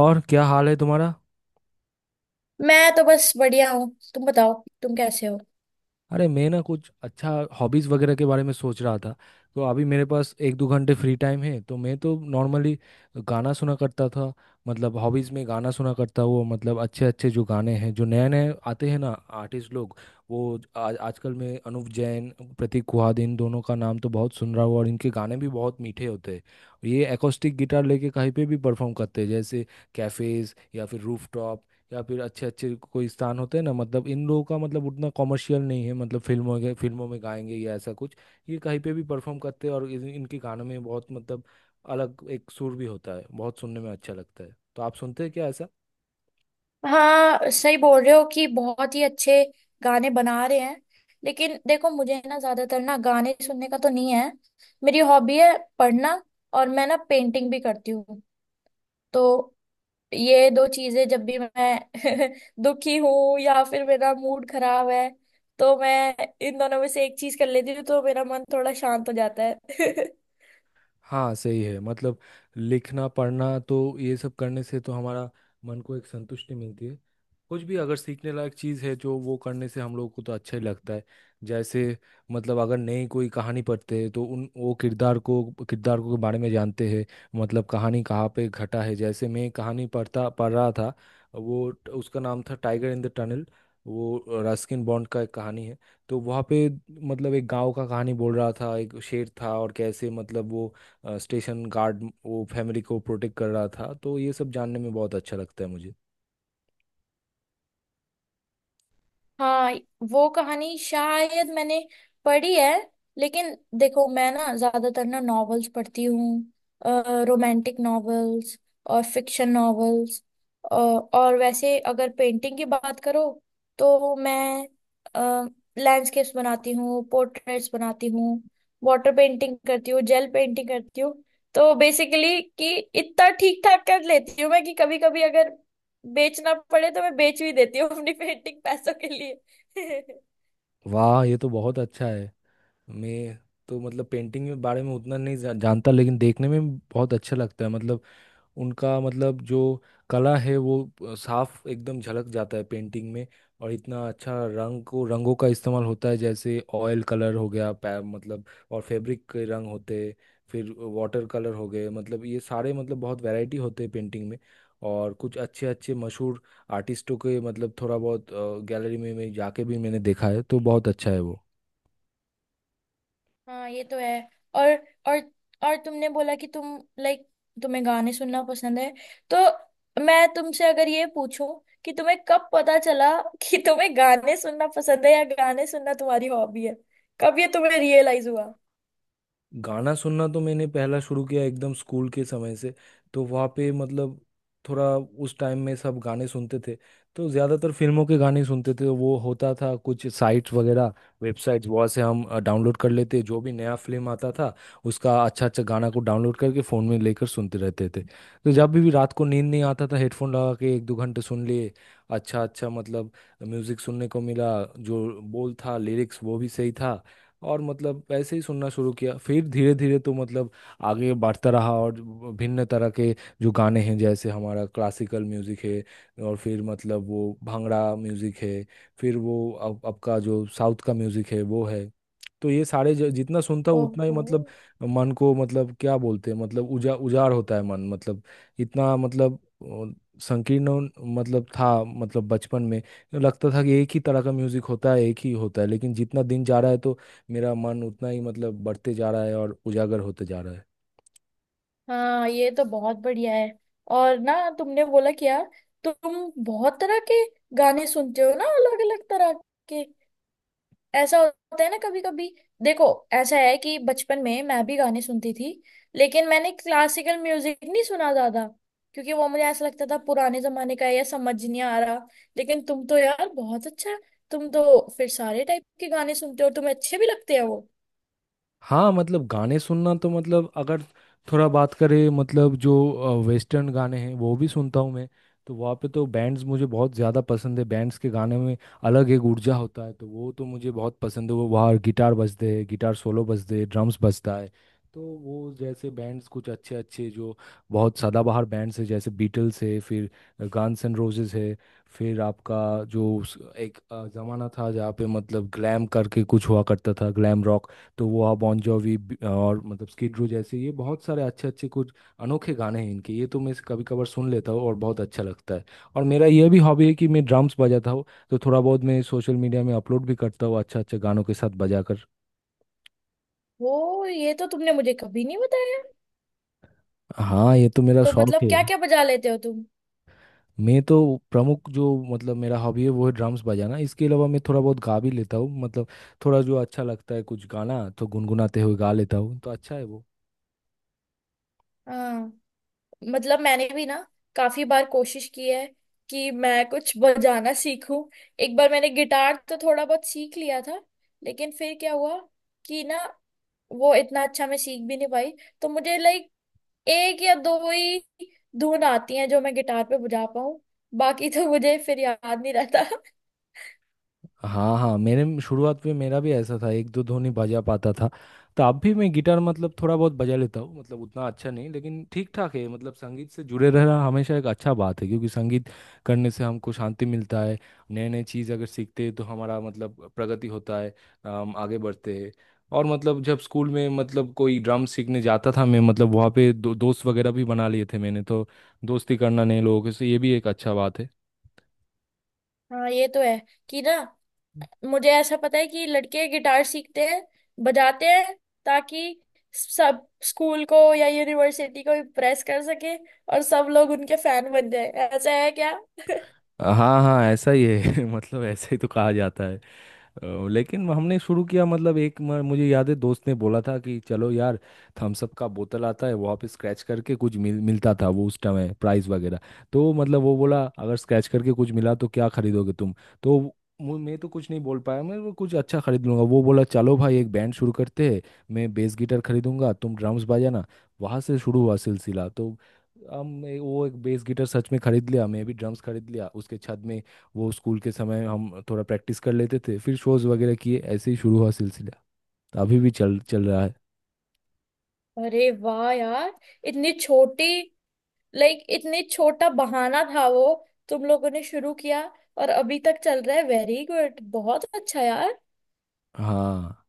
और क्या हाल है तुम्हारा? मैं तो बस बढ़िया हूँ। तुम बताओ, तुम कैसे हो? अरे, मैं ना कुछ अच्छा हॉबीज वगैरह के बारे में सोच रहा था। तो अभी मेरे पास एक दो घंटे फ्री टाइम है तो मैं तो नॉर्मली गाना सुना करता था। मतलब हॉबीज में गाना सुना करता हूँ, मतलब अच्छे अच्छे जो गाने हैं जो नए नए आते हैं ना आर्टिस्ट लोग। वो आज आजकल मैं अनुव जैन, प्रतीक कुहाद, इन दोनों का नाम तो बहुत सुन रहा हूँ और इनके गाने भी बहुत मीठे होते हैं। ये एकोस्टिक गिटार लेके कहीं पे भी परफॉर्म करते हैं, जैसे कैफेज या फिर रूफ या फिर अच्छे अच्छे कोई स्थान होते हैं ना। मतलब इन लोगों का मतलब उतना कॉमर्शियल नहीं है, मतलब फिल्मों में गाएंगे या ऐसा कुछ। ये कहीं पे भी परफॉर्म करते हैं और इनके गानों में बहुत मतलब अलग एक सुर भी होता है, बहुत सुनने में अच्छा लगता है। तो आप सुनते हैं क्या ऐसा? हाँ, सही बोल रहे हो कि बहुत ही अच्छे गाने बना रहे हैं। लेकिन देखो, मुझे ना ज्यादातर ना गाने सुनने का तो नहीं है। मेरी हॉबी है पढ़ना, और मैं ना पेंटिंग भी करती हूँ। तो ये दो चीजें, जब भी मैं दुखी हूँ या फिर मेरा मूड खराब है, तो मैं इन दोनों में से एक चीज कर लेती हूँ, तो मेरा मन थोड़ा शांत हो जाता है। हाँ, सही है। मतलब लिखना पढ़ना तो ये सब करने से तो हमारा मन को एक संतुष्टि मिलती है। कुछ भी अगर सीखने लायक चीज़ है जो वो करने से हम लोगों को तो अच्छा ही लगता है। जैसे मतलब अगर नई कोई कहानी पढ़ते हैं तो उन वो किरदार को के बारे में जानते हैं। मतलब कहानी कहाँ पे घटा है, जैसे मैं कहानी पढ़ रहा था, वो उसका नाम था टाइगर इन द टनल, वो रस्किन बॉन्ड का एक कहानी है। तो वहाँ पे मतलब एक गांव का कहानी बोल रहा था, एक शेर था, और कैसे मतलब वो स्टेशन गार्ड वो फैमिली को प्रोटेक्ट कर रहा था। तो ये सब जानने में बहुत अच्छा लगता है मुझे। हाँ, वो कहानी शायद मैंने पढ़ी है। लेकिन देखो, मैं ना ज्यादातर ना नॉवेल्स पढ़ती हूँ, रोमांटिक नॉवेल्स और फिक्शन नॉवेल्स। और वैसे अगर पेंटिंग की बात करो, तो मैं लैंडस्केप्स बनाती हूँ, पोर्ट्रेट्स बनाती हूँ, वाटर पेंटिंग करती हूँ, जेल पेंटिंग करती हूँ। तो बेसिकली कि इतना ठीक ठाक कर लेती हूँ मैं कि कभी कभी अगर बेचना पड़े, तो मैं बेच भी देती हूँ अपनी पेंटिंग पैसों के लिए। वाह, ये तो बहुत अच्छा है। मैं तो मतलब पेंटिंग के बारे में उतना नहीं जानता, लेकिन देखने में बहुत अच्छा लगता है। मतलब उनका मतलब जो कला है वो साफ एकदम झलक जाता है पेंटिंग में। और इतना अच्छा रंगों का इस्तेमाल होता है, जैसे ऑयल कलर हो गया मतलब और फैब्रिक के रंग होते, फिर वाटर कलर हो गए, मतलब ये सारे मतलब बहुत वैरायटी होते हैं पेंटिंग में। और कुछ अच्छे अच्छे मशहूर आर्टिस्टों के मतलब थोड़ा बहुत गैलरी में मैं जाके भी मैंने देखा है, तो बहुत अच्छा है वो। हाँ, ये तो है। और और और तुमने बोला कि तुम तुम्हें गाने सुनना पसंद है। तो मैं तुमसे अगर ये पूछूं कि तुम्हें कब पता चला कि तुम्हें गाने सुनना पसंद है या गाने सुनना तुम्हारी हॉबी है? कब ये तुम्हें रियलाइज हुआ? गाना सुनना तो मैंने पहला शुरू किया एकदम स्कूल के समय से। तो वहाँ पे मतलब थोड़ा उस टाइम में सब गाने सुनते थे, तो ज़्यादातर फिल्मों के गाने सुनते थे। वो होता था कुछ साइट्स वगैरह, वेबसाइट्स, वहाँ से हम डाउनलोड कर लेते जो भी नया फिल्म आता था, उसका अच्छा अच्छा गाना को डाउनलोड करके फ़ोन में लेकर सुनते रहते थे। तो जब भी रात को नींद नहीं आता था हेडफोन लगा के एक दो घंटे सुन लिए अच्छा अच्छा, मतलब म्यूज़िक सुनने को मिला, जो बोल था, लिरिक्स, वो भी सही था। और मतलब ऐसे ही सुनना शुरू किया, फिर धीरे धीरे तो मतलब आगे बढ़ता रहा। और भिन्न तरह के जो गाने हैं जैसे हमारा क्लासिकल म्यूजिक है, और फिर मतलब वो भांगड़ा म्यूजिक है, फिर वो अब आपका जो साउथ का म्यूजिक है वो है। तो ये सारे जितना सुनता हूँ उतना ही ओहो, मतलब मन को मतलब क्या बोलते हैं, मतलब उजाड़ होता है मन, मतलब इतना मतलब संकीर्ण मतलब था, मतलब बचपन में लगता था कि एक ही तरह का म्यूजिक होता है, एक ही होता है। लेकिन जितना दिन जा रहा है तो मेरा मन उतना ही मतलब बढ़ते जा रहा है और उजागर होते जा रहा है। हाँ, ये तो बहुत बढ़िया है। और ना तुमने बोला क्या, तुम बहुत तरह के गाने सुनते हो ना, अलग अलग तरह के? ऐसा होता है ना कभी कभी। देखो, ऐसा है कि बचपन में मैं भी गाने सुनती थी, लेकिन मैंने क्लासिकल म्यूजिक नहीं सुना ज्यादा, क्योंकि वो मुझे ऐसा लगता था पुराने जमाने का है या समझ नहीं आ रहा। लेकिन तुम तो यार बहुत अच्छा, तुम तो फिर सारे टाइप के गाने सुनते हो और तुम्हें अच्छे भी लगते हैं वो। हाँ, मतलब गाने सुनना तो मतलब अगर थोड़ा बात करें, मतलब जो वेस्टर्न गाने हैं वो भी सुनता हूँ मैं। तो वहाँ पे तो बैंड्स मुझे बहुत ज़्यादा पसंद है, बैंड्स के गाने में अलग एक ऊर्जा होता है, तो वो तो मुझे बहुत पसंद है। वो वहाँ गिटार बजते हैं, गिटार सोलो बजते हैं, ड्रम्स बजता है। तो वो जैसे बैंड्स कुछ अच्छे अच्छे जो बहुत सदाबहार बैंड्स है, जैसे बीटल्स है, फिर गान्स एंड रोजेस है, फिर आपका जो एक जमाना था जहाँ पे मतलब ग्लैम करके कुछ हुआ करता था, ग्लैम रॉक। तो वो आप बॉन जोवी और मतलब स्किड रो, जैसे ये बहुत सारे अच्छे अच्छे कुछ अनोखे गाने हैं इनके, ये तो मैं कभी कभार सुन लेता हूँ और बहुत अच्छा लगता है। और मेरा यह भी हॉबी है कि मैं ड्रम्स बजाता हूँ, तो थोड़ा बहुत मैं सोशल मीडिया में अपलोड भी करता हूँ अच्छा अच्छा गानों के साथ बजाकर। वो ये तो तुमने मुझे कभी नहीं बताया। हाँ, ये तो मेरा तो शौक मतलब है। क्या क्या बजा लेते हो तुम? मैं तो प्रमुख जो मतलब मेरा हॉबी है वो है ड्रम्स बजाना। इसके अलावा मैं थोड़ा बहुत गा भी लेता हूँ, मतलब थोड़ा जो अच्छा लगता है कुछ गाना तो गुनगुनाते हुए गा लेता हूँ, तो अच्छा है वो। हाँ, मतलब मैंने भी ना काफी बार कोशिश की है कि मैं कुछ बजाना सीखूं। एक बार मैंने गिटार तो थोड़ा बहुत सीख लिया था, लेकिन फिर क्या हुआ कि ना वो इतना अच्छा मैं सीख भी नहीं पाई। तो मुझे लाइक एक या दो ही धुन आती हैं जो मैं गिटार पे बजा पाऊं, बाकी तो मुझे फिर याद नहीं रहता। हाँ हाँ, मेरे शुरुआत में मेरा भी ऐसा था, एक दो धुन ही बजा पाता था। तो अब भी मैं गिटार मतलब थोड़ा बहुत बजा लेता हूँ, मतलब उतना अच्छा नहीं लेकिन ठीक ठाक है। मतलब संगीत से जुड़े रहना हमेशा एक अच्छा बात है, क्योंकि संगीत करने से हमको शांति मिलता है। नए नए चीज़ अगर सीखते हैं तो हमारा मतलब प्रगति होता है, हम आगे बढ़ते हैं। और मतलब जब स्कूल में मतलब कोई ड्रम सीखने जाता था मैं, मतलब वहाँ पे दोस्त वगैरह भी बना लिए थे मैंने, तो दोस्ती करना नए लोगों से ये भी एक अच्छा बात है। हाँ, ये तो है कि ना मुझे ऐसा पता है कि लड़के गिटार सीखते हैं, बजाते हैं ताकि सब स्कूल को या यूनिवर्सिटी को इम्प्रेस कर सके और सब लोग उनके फैन बन जाए। ऐसा है क्या? हाँ हाँ, ऐसा ही है। मतलब ऐसा ही तो कहा जाता है लेकिन हमने शुरू किया, मतलब एक मुझे याद है दोस्त ने बोला था कि चलो यार, थम्स अप का बोतल आता है, वहाँ पे स्क्रैच करके कुछ मिलता था वो उस टाइम, प्राइस वगैरह। तो मतलब वो बोला, अगर स्क्रैच करके कुछ मिला तो क्या खरीदोगे तुम? तो मैं तो कुछ नहीं बोल पाया, मैं वो कुछ अच्छा खरीद लूंगा। वो बोला, चलो भाई एक बैंड शुरू करते हैं, मैं बेस गिटार खरीदूंगा, तुम ड्रम्स बजाना। वहाँ से शुरू हुआ सिलसिला। तो हम वो एक बेस गिटार सच में खरीद लिया, मैं भी ड्रम्स खरीद लिया उसके छत में। वो स्कूल के समय हम थोड़ा प्रैक्टिस कर लेते थे, फिर शोज वगैरह किए, ऐसे ही शुरू हुआ सिलसिला। तो अभी भी चल चल रहा है। अरे वाह यार, इतनी छोटी, लाइक इतनी छोटा बहाना था वो, तुम लोगों ने शुरू किया और अभी तक चल रहा है। वेरी गुड, बहुत अच्छा यार। हाँ,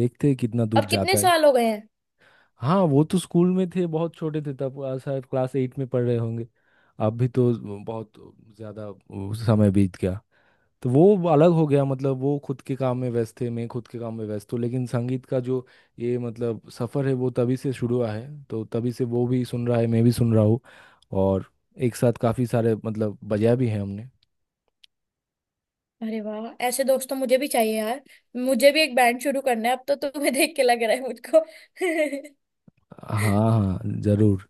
देखते हैं कितना दूर अब कितने जाता है। साल हो गए हैं? हाँ, वो तो स्कूल में थे, बहुत छोटे थे तब, शायद क्लास 8 में पढ़ रहे होंगे। अब भी तो बहुत ज़्यादा वो समय बीत गया, तो वो अलग हो गया, मतलब वो खुद के काम में व्यस्त थे, मैं खुद के काम में व्यस्त हूँ। लेकिन संगीत का जो ये मतलब सफ़र है वो तभी से शुरू हुआ है, तो तभी से वो भी सुन रहा है, मैं भी सुन रहा हूँ, और एक साथ काफ़ी सारे मतलब बजाया भी है हमने। अरे वाह, ऐसे दोस्त तो मुझे भी चाहिए यार। मुझे भी एक बैंड शुरू करना है अब, तो तुम्हें देख के लग रहा है मुझको। हाँ हाँ, ज़रूर।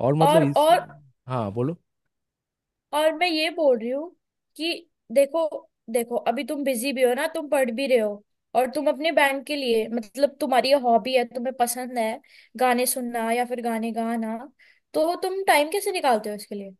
और मतलब और इस, और हाँ, बोलो। और मैं ये बोल रही हूँ कि देखो, देखो अभी तुम बिजी भी हो ना, तुम पढ़ भी रहे हो और तुम अपने बैंड के लिए, मतलब तुम्हारी हॉबी है, तुम्हें पसंद है गाने सुनना या फिर गाने गाना, तो तुम टाइम कैसे निकालते हो इसके लिए?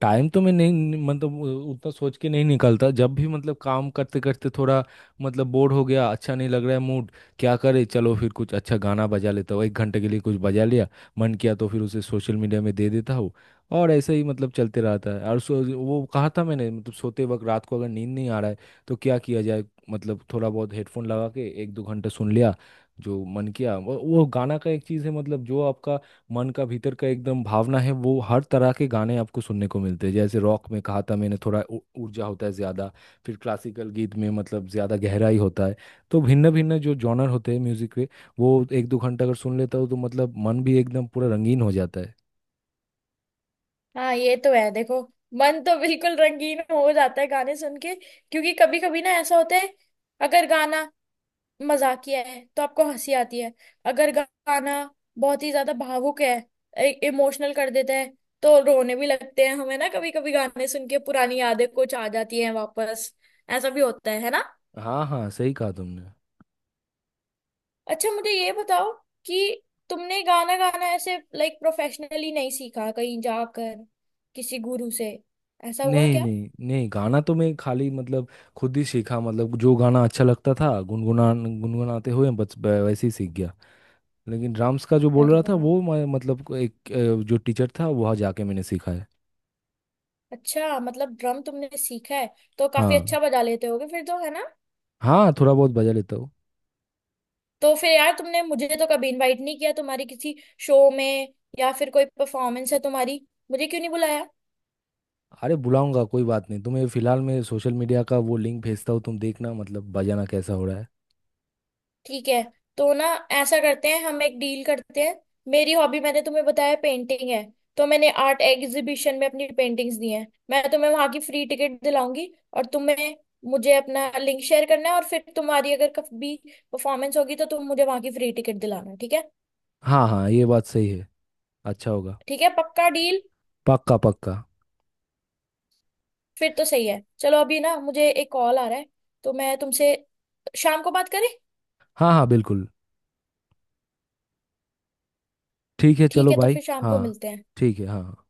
टाइम तो मैं नहीं मतलब उतना सोच के नहीं निकलता, जब भी मतलब काम करते करते थोड़ा मतलब बोर हो गया, अच्छा नहीं लग रहा है मूड, क्या करे, चलो फिर कुछ अच्छा गाना बजा लेता हूँ, एक घंटे के लिए कुछ बजा लिया, मन किया तो फिर उसे सोशल मीडिया में दे देता हूँ। और ऐसे ही मतलब चलते रहता है। और सो वो कहा था मैंने, मतलब सोते वक्त रात को अगर नींद नहीं आ रहा है तो क्या किया जाए, मतलब थोड़ा बहुत हेडफोन लगा के एक दो घंटा सुन लिया जो मन किया। वो गाना का एक चीज़ है, मतलब जो आपका मन का भीतर का एकदम भावना है वो हर तरह के गाने आपको सुनने को मिलते हैं। जैसे रॉक में कहा था मैंने, थोड़ा ऊर्जा होता है ज़्यादा, फिर क्लासिकल गीत में मतलब ज़्यादा गहराई होता है। तो भिन्न भिन्न जो जॉनर होते हैं म्यूज़िक के, वो एक दो घंटा अगर सुन लेता हूँ तो मतलब मन भी एकदम पूरा रंगीन हो जाता है। हाँ, ये तो है। देखो, मन तो बिल्कुल रंगीन हो जाता है गाने सुन के, क्योंकि कभी कभी ना ऐसा होता है, अगर गाना मजाकिया है तो आपको हंसी आती है, अगर गाना बहुत ही ज्यादा भावुक है, इमोशनल कर देता है, तो रोने भी लगते हैं हमें ना। कभी कभी गाने सुन के पुरानी यादें कुछ आ जाती हैं वापस, ऐसा भी होता है ना? हाँ हाँ, सही कहा तुमने। अच्छा, मुझे ये बताओ कि तुमने गाना गाना ऐसे लाइक प्रोफेशनली नहीं सीखा कहीं जाकर किसी गुरु से? ऐसा हुआ नहीं क्या? नहीं नहीं, गाना तो मैं खाली मतलब खुद ही सीखा, मतलब जो गाना अच्छा लगता था गुनगुनाते हुए बस वैसे ही सीख गया। लेकिन ड्राम्स का जो बोल अरे रहा था वाह, वो मैं मतलब को एक जो टीचर था वहाँ जाके मैंने सीखा है। अच्छा मतलब ड्रम तुमने सीखा है, तो काफी हाँ अच्छा बजा लेते होगे फिर तो, है ना? हाँ, थोड़ा बहुत बजा लेता हूँ। तो फिर यार, तुमने मुझे तो कभी इनवाइट नहीं किया तुम्हारी किसी शो में या फिर कोई परफॉर्मेंस है तुम्हारी, मुझे क्यों नहीं बुलाया? अरे, बुलाऊंगा कोई बात नहीं तुम्हें। फिलहाल मैं सोशल मीडिया का वो लिंक भेजता हूँ, तुम देखना मतलब बजाना कैसा हो रहा है। ठीक है, तो ना ऐसा करते हैं, हम एक डील करते हैं। मेरी हॉबी मैंने तुम्हें बताया पेंटिंग है, तो मैंने आर्ट एग्जीबिशन में अपनी पेंटिंग्स दी हैं, मैं तुम्हें वहां की फ्री टिकट दिलाऊंगी। और तुम्हें मुझे अपना लिंक शेयर करना है, और फिर तुम्हारी अगर कभी परफॉर्मेंस होगी, तो तुम मुझे वहां की फ्री टिकट दिलाना, ठीक है? हाँ हाँ, ये बात सही है, अच्छा होगा। ठीक है, पक्का डील। पक्का पक्का। फिर तो सही है। चलो अभी ना मुझे एक कॉल आ रहा है, तो मैं तुमसे शाम को बात करें। हाँ हाँ बिल्कुल, ठीक है ठीक चलो है, तो भाई, फिर शाम हाँ। को मिलते हैं। ठीक है, हाँ।